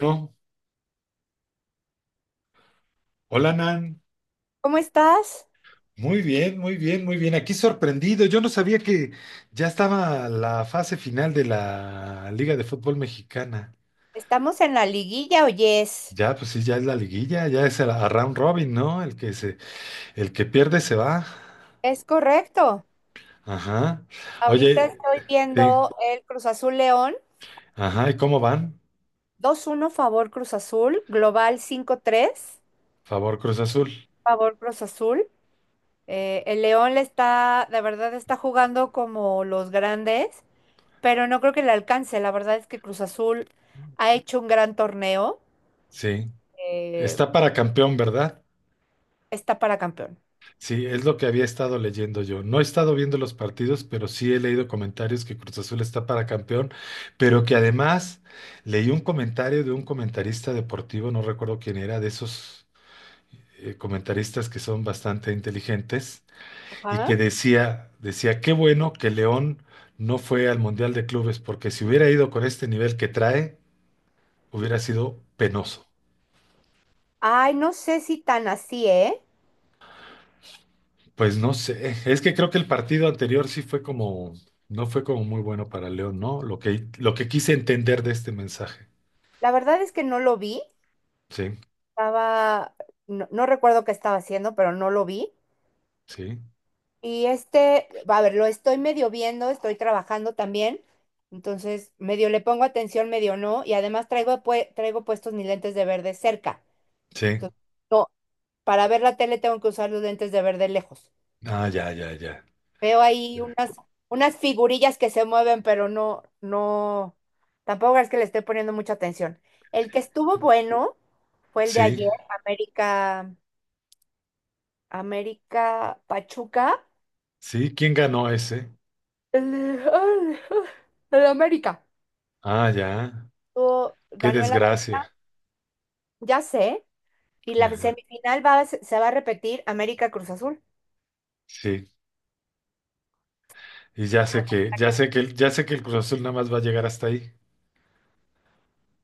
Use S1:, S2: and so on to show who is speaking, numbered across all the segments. S1: No. Hola, Nan.
S2: ¿Cómo estás?
S1: Muy bien, muy bien, muy bien. Aquí sorprendido. Yo no sabía que ya estaba la fase final de la Liga de Fútbol Mexicana.
S2: Estamos en la liguilla, oyes.
S1: Ya, pues sí, ya es la liguilla, a round robin, ¿no? El que pierde se va.
S2: Es correcto.
S1: Ajá.
S2: Ahorita
S1: Oye,
S2: estoy
S1: sí.
S2: viendo el Cruz Azul León.
S1: Ajá, ¿y cómo van?
S2: 2-1, favor Cruz Azul. Global 5-3,
S1: Favor Cruz Azul.
S2: favor Cruz Azul. El León le está, la verdad, está jugando como los grandes, pero no creo que le alcance. La verdad es que Cruz Azul ha hecho un gran torneo.
S1: Sí.
S2: Eh,
S1: Está para campeón, ¿verdad?
S2: Está para campeón.
S1: Sí, es lo que había estado leyendo yo. No he estado viendo los partidos, pero sí he leído comentarios que Cruz Azul está para campeón, pero que además leí un comentario de un comentarista deportivo, no recuerdo quién era, de esos comentaristas que son bastante inteligentes y
S2: Ajá.
S1: que decía, qué bueno que León no fue al Mundial de Clubes, porque si hubiera ido con este nivel que trae, hubiera sido penoso.
S2: Ay, no sé si tan así, ¿eh?
S1: Pues no sé, es que creo que el partido anterior sí fue como, no fue como muy bueno para León, ¿no? Lo que quise entender de este mensaje.
S2: La verdad es que no lo vi.
S1: Sí,
S2: Estaba, no, recuerdo qué estaba haciendo, pero no lo vi.
S1: sí,
S2: Y este, a ver, lo estoy medio viendo, estoy trabajando también. Entonces, medio le pongo atención, medio no. Y además traigo, traigo puestos mis lentes de ver de cerca.
S1: sí.
S2: Entonces, no, para ver la tele tengo que usar los lentes de ver de lejos.
S1: Ah, ya, ya, ya.
S2: Veo ahí
S1: Ya.
S2: unas, unas figurillas que se mueven, pero no, no, tampoco es que le esté poniendo mucha atención. El que estuvo bueno fue el de
S1: Sí,
S2: ayer, América. América Pachuca.
S1: sí, ¿quién ganó ese?
S2: El, ay, El América.
S1: Ah, ya. Qué
S2: Ganó el América,
S1: desgracia.
S2: ya sé. Y la
S1: Ajá.
S2: semifinal va, a se se va a repetir América Cruz Azul.
S1: Sí. Y ya sé que, ya sé que, ya sé que el Cruz Azul nada más va a llegar hasta ahí.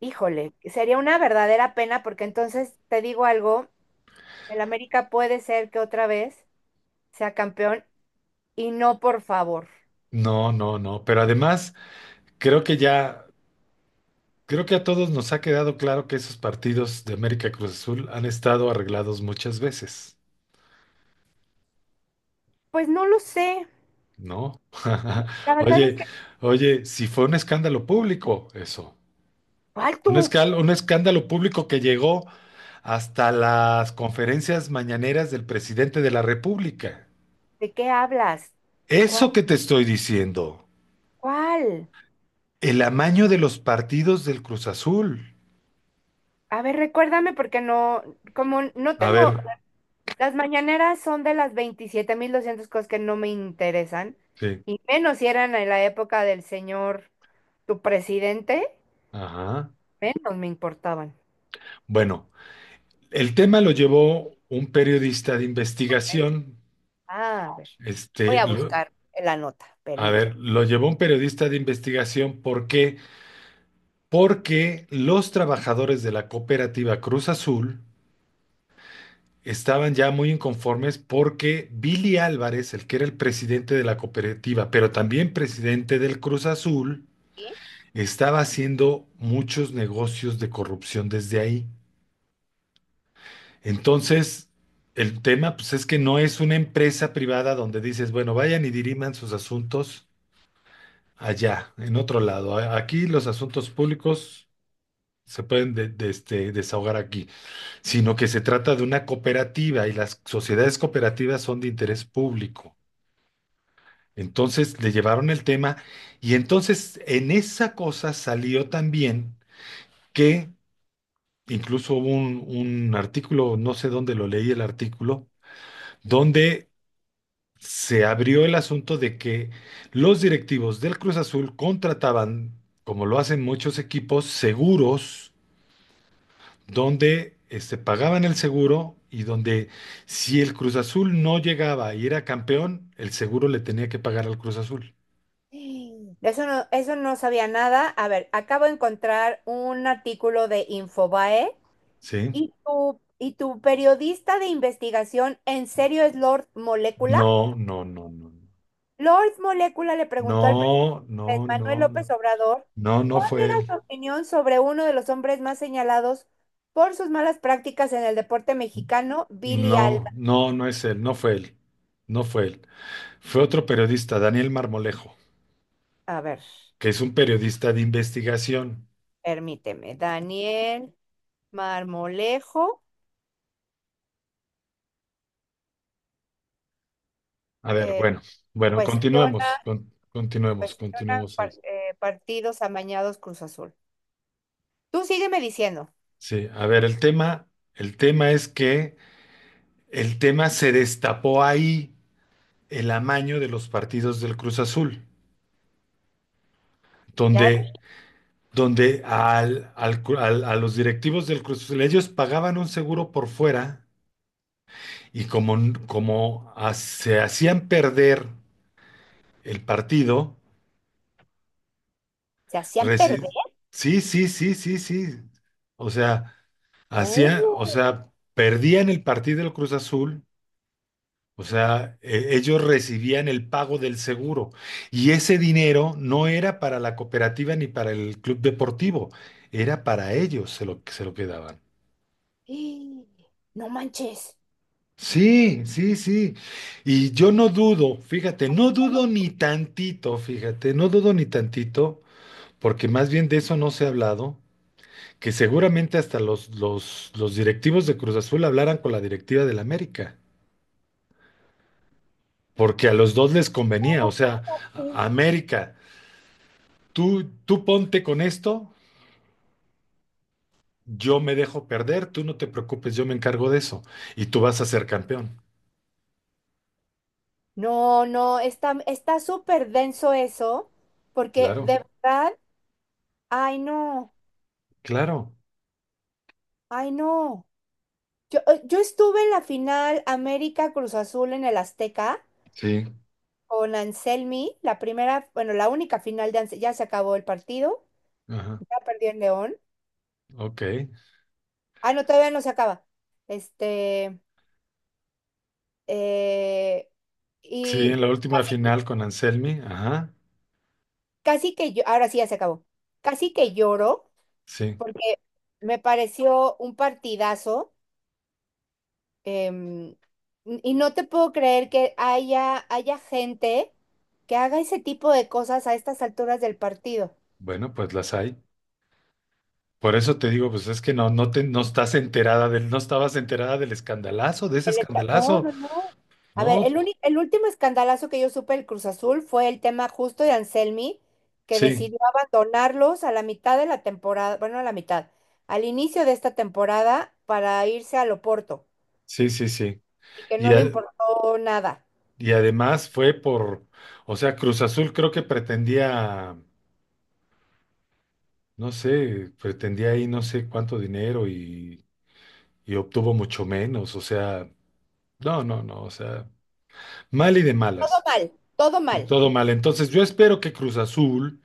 S2: Híjole, sería una verdadera pena porque entonces te digo algo, el América puede ser que otra vez sea campeón y no, por favor.
S1: No, no, no. Pero además, creo que ya. Creo que a todos nos ha quedado claro que esos partidos de América Cruz Azul han estado arreglados muchas veces,
S2: Pues no lo sé.
S1: ¿no?
S2: La verdad es
S1: Oye,
S2: que,
S1: oye, si fue un escándalo público eso,
S2: ¿cuál tú?
S1: un escándalo público que llegó hasta las conferencias mañaneras del presidente de la República.
S2: ¿De qué hablas? ¿Cuál?
S1: Eso que te estoy diciendo,
S2: ¿Cuál?
S1: el amaño de los partidos del Cruz Azul.
S2: A ver, recuérdame porque no, como no
S1: A
S2: tengo.
S1: ver,
S2: Las mañaneras son de las 27.200 cosas que no me interesan,
S1: sí,
S2: y menos si eran en la época del señor, tu presidente,
S1: ajá.
S2: menos me importaban.
S1: Bueno. El tema lo llevó un periodista de investigación.
S2: A ver, voy
S1: Este,
S2: a
S1: lo-
S2: buscar la nota,
S1: a ver,
S2: permíteme.
S1: lo llevó un periodista de investigación. ¿Por qué? Porque los trabajadores de la cooperativa Cruz Azul estaban ya muy inconformes porque Billy Álvarez, el que era el presidente de la cooperativa, pero también presidente del Cruz Azul,
S2: ¿Sí?
S1: estaba haciendo muchos negocios de corrupción desde ahí. Entonces, el tema, pues es que no es una empresa privada donde dices, bueno, vayan y diriman sus asuntos allá, en otro lado. Aquí los asuntos públicos se pueden desahogar aquí, sino que se trata de una cooperativa y las sociedades cooperativas son de interés público. Entonces le llevaron el tema y entonces en esa cosa salió también que incluso hubo un artículo, no sé dónde lo leí el artículo, donde se abrió el asunto de que los directivos del Cruz Azul contrataban, como lo hacen muchos equipos, seguros donde pagaban el seguro y donde si el Cruz Azul no llegaba y era campeón, el seguro le tenía que pagar al Cruz Azul.
S2: De eso no, eso no sabía nada. A ver, acabo de encontrar un artículo de Infobae
S1: ¿Sí?
S2: y tu periodista de investigación, ¿en serio es Lord Molécula?
S1: No, no, no, no,
S2: Lord Molécula le preguntó al
S1: no,
S2: presidente
S1: no,
S2: Manuel
S1: no, no,
S2: López Obrador
S1: no, no
S2: cuál
S1: fue
S2: era
S1: él.
S2: su opinión sobre uno de los hombres más señalados por sus malas prácticas en el deporte mexicano, Billy
S1: No,
S2: Alba.
S1: no, no es él, no fue él, no fue él. Fue otro periodista, Daniel Marmolejo.
S2: A ver,
S1: Que es un periodista de investigación.
S2: permíteme. Daniel Marmolejo,
S1: A ver,
S2: eh,
S1: bueno, bueno,
S2: cuestiona,
S1: continuemos, continuemos,
S2: cuestiona
S1: continuemos ahí.
S2: partidos amañados Cruz Azul. Tú sígueme diciendo.
S1: Sí, a ver, el tema es que el tema se destapó ahí el amaño de los partidos del Cruz Azul,
S2: Ya ves,
S1: donde, donde a los directivos del Cruz Azul, ellos pagaban un seguro por fuera y se hacían perder el partido.
S2: se hacían perder.
S1: Resi- sí, sí, sí, sí, sí. O sea, hacía, o
S2: Oh,
S1: sea, perdían el partido del Cruz Azul, o sea, ellos recibían el pago del seguro y ese dinero no era para la cooperativa ni para el club deportivo, era para ellos se lo quedaban.
S2: ¡ih! No manches.
S1: Sí, sí, sí. Y yo no dudo, fíjate, no dudo ni tantito, fíjate, no dudo ni tantito, porque más bien de eso no se ha hablado que seguramente hasta los directivos de Cruz Azul hablaran con la directiva del América, porque a los dos les convenía, o sea, América, tú ponte con esto, yo me dejo perder, tú no te preocupes, yo me encargo de eso, y tú vas a ser campeón.
S2: No, no, está, está súper denso eso, porque
S1: Claro,
S2: de verdad, ay no,
S1: claro.
S2: ay no. Yo estuve en la final América Cruz Azul en el Azteca
S1: Sí.
S2: con Anselmi, la primera, bueno, la única final de Anselmi, ya se acabó el partido,
S1: Ajá,
S2: ya perdió en León.
S1: ok.
S2: Ah, no, todavía no se acaba. Este, eh,
S1: Sí,
S2: y
S1: en la última
S2: casi,
S1: final con Anselmi, ajá,
S2: casi que yo, ahora sí ya se acabó, casi que lloro,
S1: sí.
S2: me pareció un partidazo. Em, y no te puedo creer que haya, haya gente que haga ese tipo de cosas a estas alturas del partido.
S1: Bueno, pues las hay. Por eso te digo, pues es que no estás enterada del, no estabas enterada del escandalazo, de ese
S2: No,
S1: escandalazo.
S2: no, no. A ver,
S1: No,
S2: el último escandalazo que yo supe del Cruz Azul fue el tema justo de Anselmi, que
S1: sí,
S2: decidió abandonarlos a la mitad de la temporada, bueno, a la mitad, al inicio de esta temporada para irse al Oporto
S1: sí, sí, sí.
S2: y que no
S1: Y,
S2: le
S1: a-
S2: importó nada.
S1: y además fue por, o sea, Cruz Azul creo que pretendía, no sé, pretendía ahí no sé cuánto dinero y obtuvo mucho menos. O sea, no, no, no, o sea, mal y de
S2: Todo
S1: malas.
S2: mal, todo
S1: Y
S2: mal.
S1: todo mal. Entonces yo espero que Cruz Azul,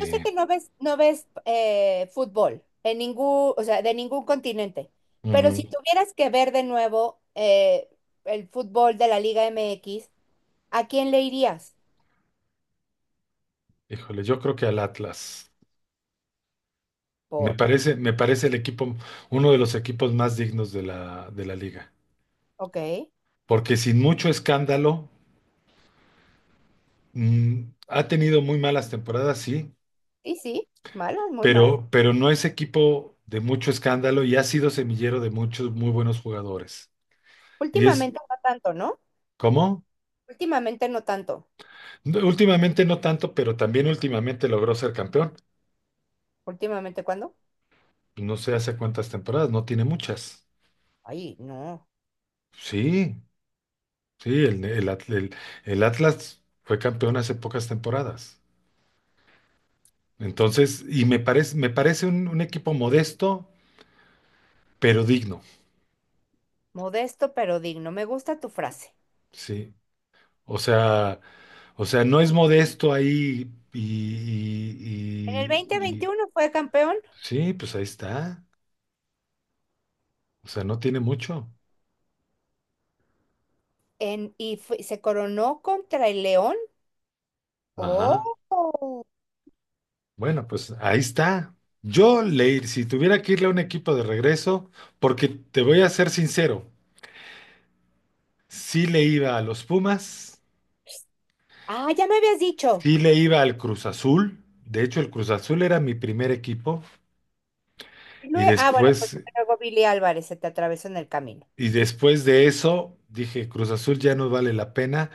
S2: Yo sé que no ves, no ves fútbol en ningún, o sea, de ningún continente, pero si
S1: ujú,
S2: tuvieras que ver de nuevo el fútbol de la Liga MX, ¿a quién le irías?
S1: híjole, yo creo que al Atlas.
S2: Por,
S1: Me parece el equipo, uno de los equipos más dignos de la liga.
S2: ok,
S1: Porque sin mucho escándalo. Mm, ha tenido muy malas temporadas, sí,
S2: sí, sí, mala muy mala.
S1: pero no es equipo de mucho escándalo y ha sido semillero de muchos muy buenos jugadores. Y es,
S2: Últimamente no tanto, ¿no?
S1: ¿cómo?
S2: Últimamente no tanto.
S1: No, últimamente no tanto, pero también últimamente logró ser campeón.
S2: Últimamente, ¿cuándo?
S1: No sé hace cuántas temporadas, no tiene muchas.
S2: Ay, no.
S1: Sí, sí, el Atlas fue campeón hace pocas temporadas. Entonces, y me parece un equipo modesto, pero digno.
S2: Modesto pero digno. Me gusta tu frase.
S1: Sí, o sea, o sea, no es modesto ahí
S2: En el dos mil
S1: y-
S2: veintiuno fue campeón
S1: sí, pues ahí está. O sea, no tiene mucho.
S2: en, se coronó contra el León.
S1: Ajá.
S2: Oh.
S1: Bueno, pues ahí está. Si tuviera que irle a un equipo de regreso, porque te voy a ser sincero, sí le iba a los Pumas,
S2: Ah, ya me habías dicho.
S1: sí le iba al Cruz Azul. De hecho, el Cruz Azul era mi primer equipo y
S2: Ah, bueno, pues luego Billy Álvarez se te atravesó en el camino.
S1: después de eso dije, Cruz Azul ya no vale la pena.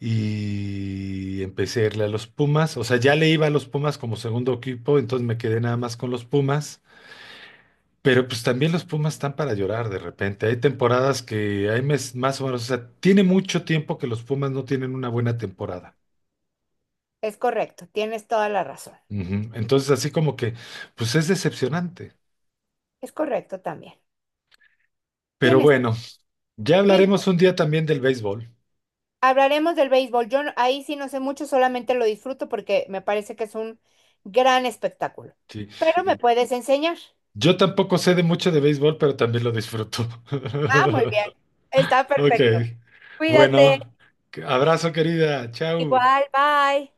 S1: Y empecé a irle a los Pumas. O sea, ya le iba a los Pumas como segundo equipo, entonces me quedé nada más con los Pumas. Pero pues también los Pumas están para llorar de repente. Hay temporadas que más o menos, o sea, tiene mucho tiempo que los Pumas no tienen una buena temporada.
S2: Es correcto, tienes toda la razón.
S1: Ujú. Entonces, así como que, pues es decepcionante.
S2: Es correcto también.
S1: Pero
S2: Tienes toda-
S1: bueno, ya
S2: Sí,
S1: hablaremos un día también del béisbol.
S2: hablaremos del béisbol. Yo no- Ahí sí no sé mucho, solamente lo disfruto porque me parece que es un gran espectáculo.
S1: Sí.
S2: Pero me puedes enseñar.
S1: Yo tampoco sé de mucho de béisbol, pero también lo disfruto.
S2: Ah, muy bien. Está
S1: Ok.
S2: perfecto. Cuídate.
S1: Bueno, abrazo querida. Chau.
S2: Igual, bye.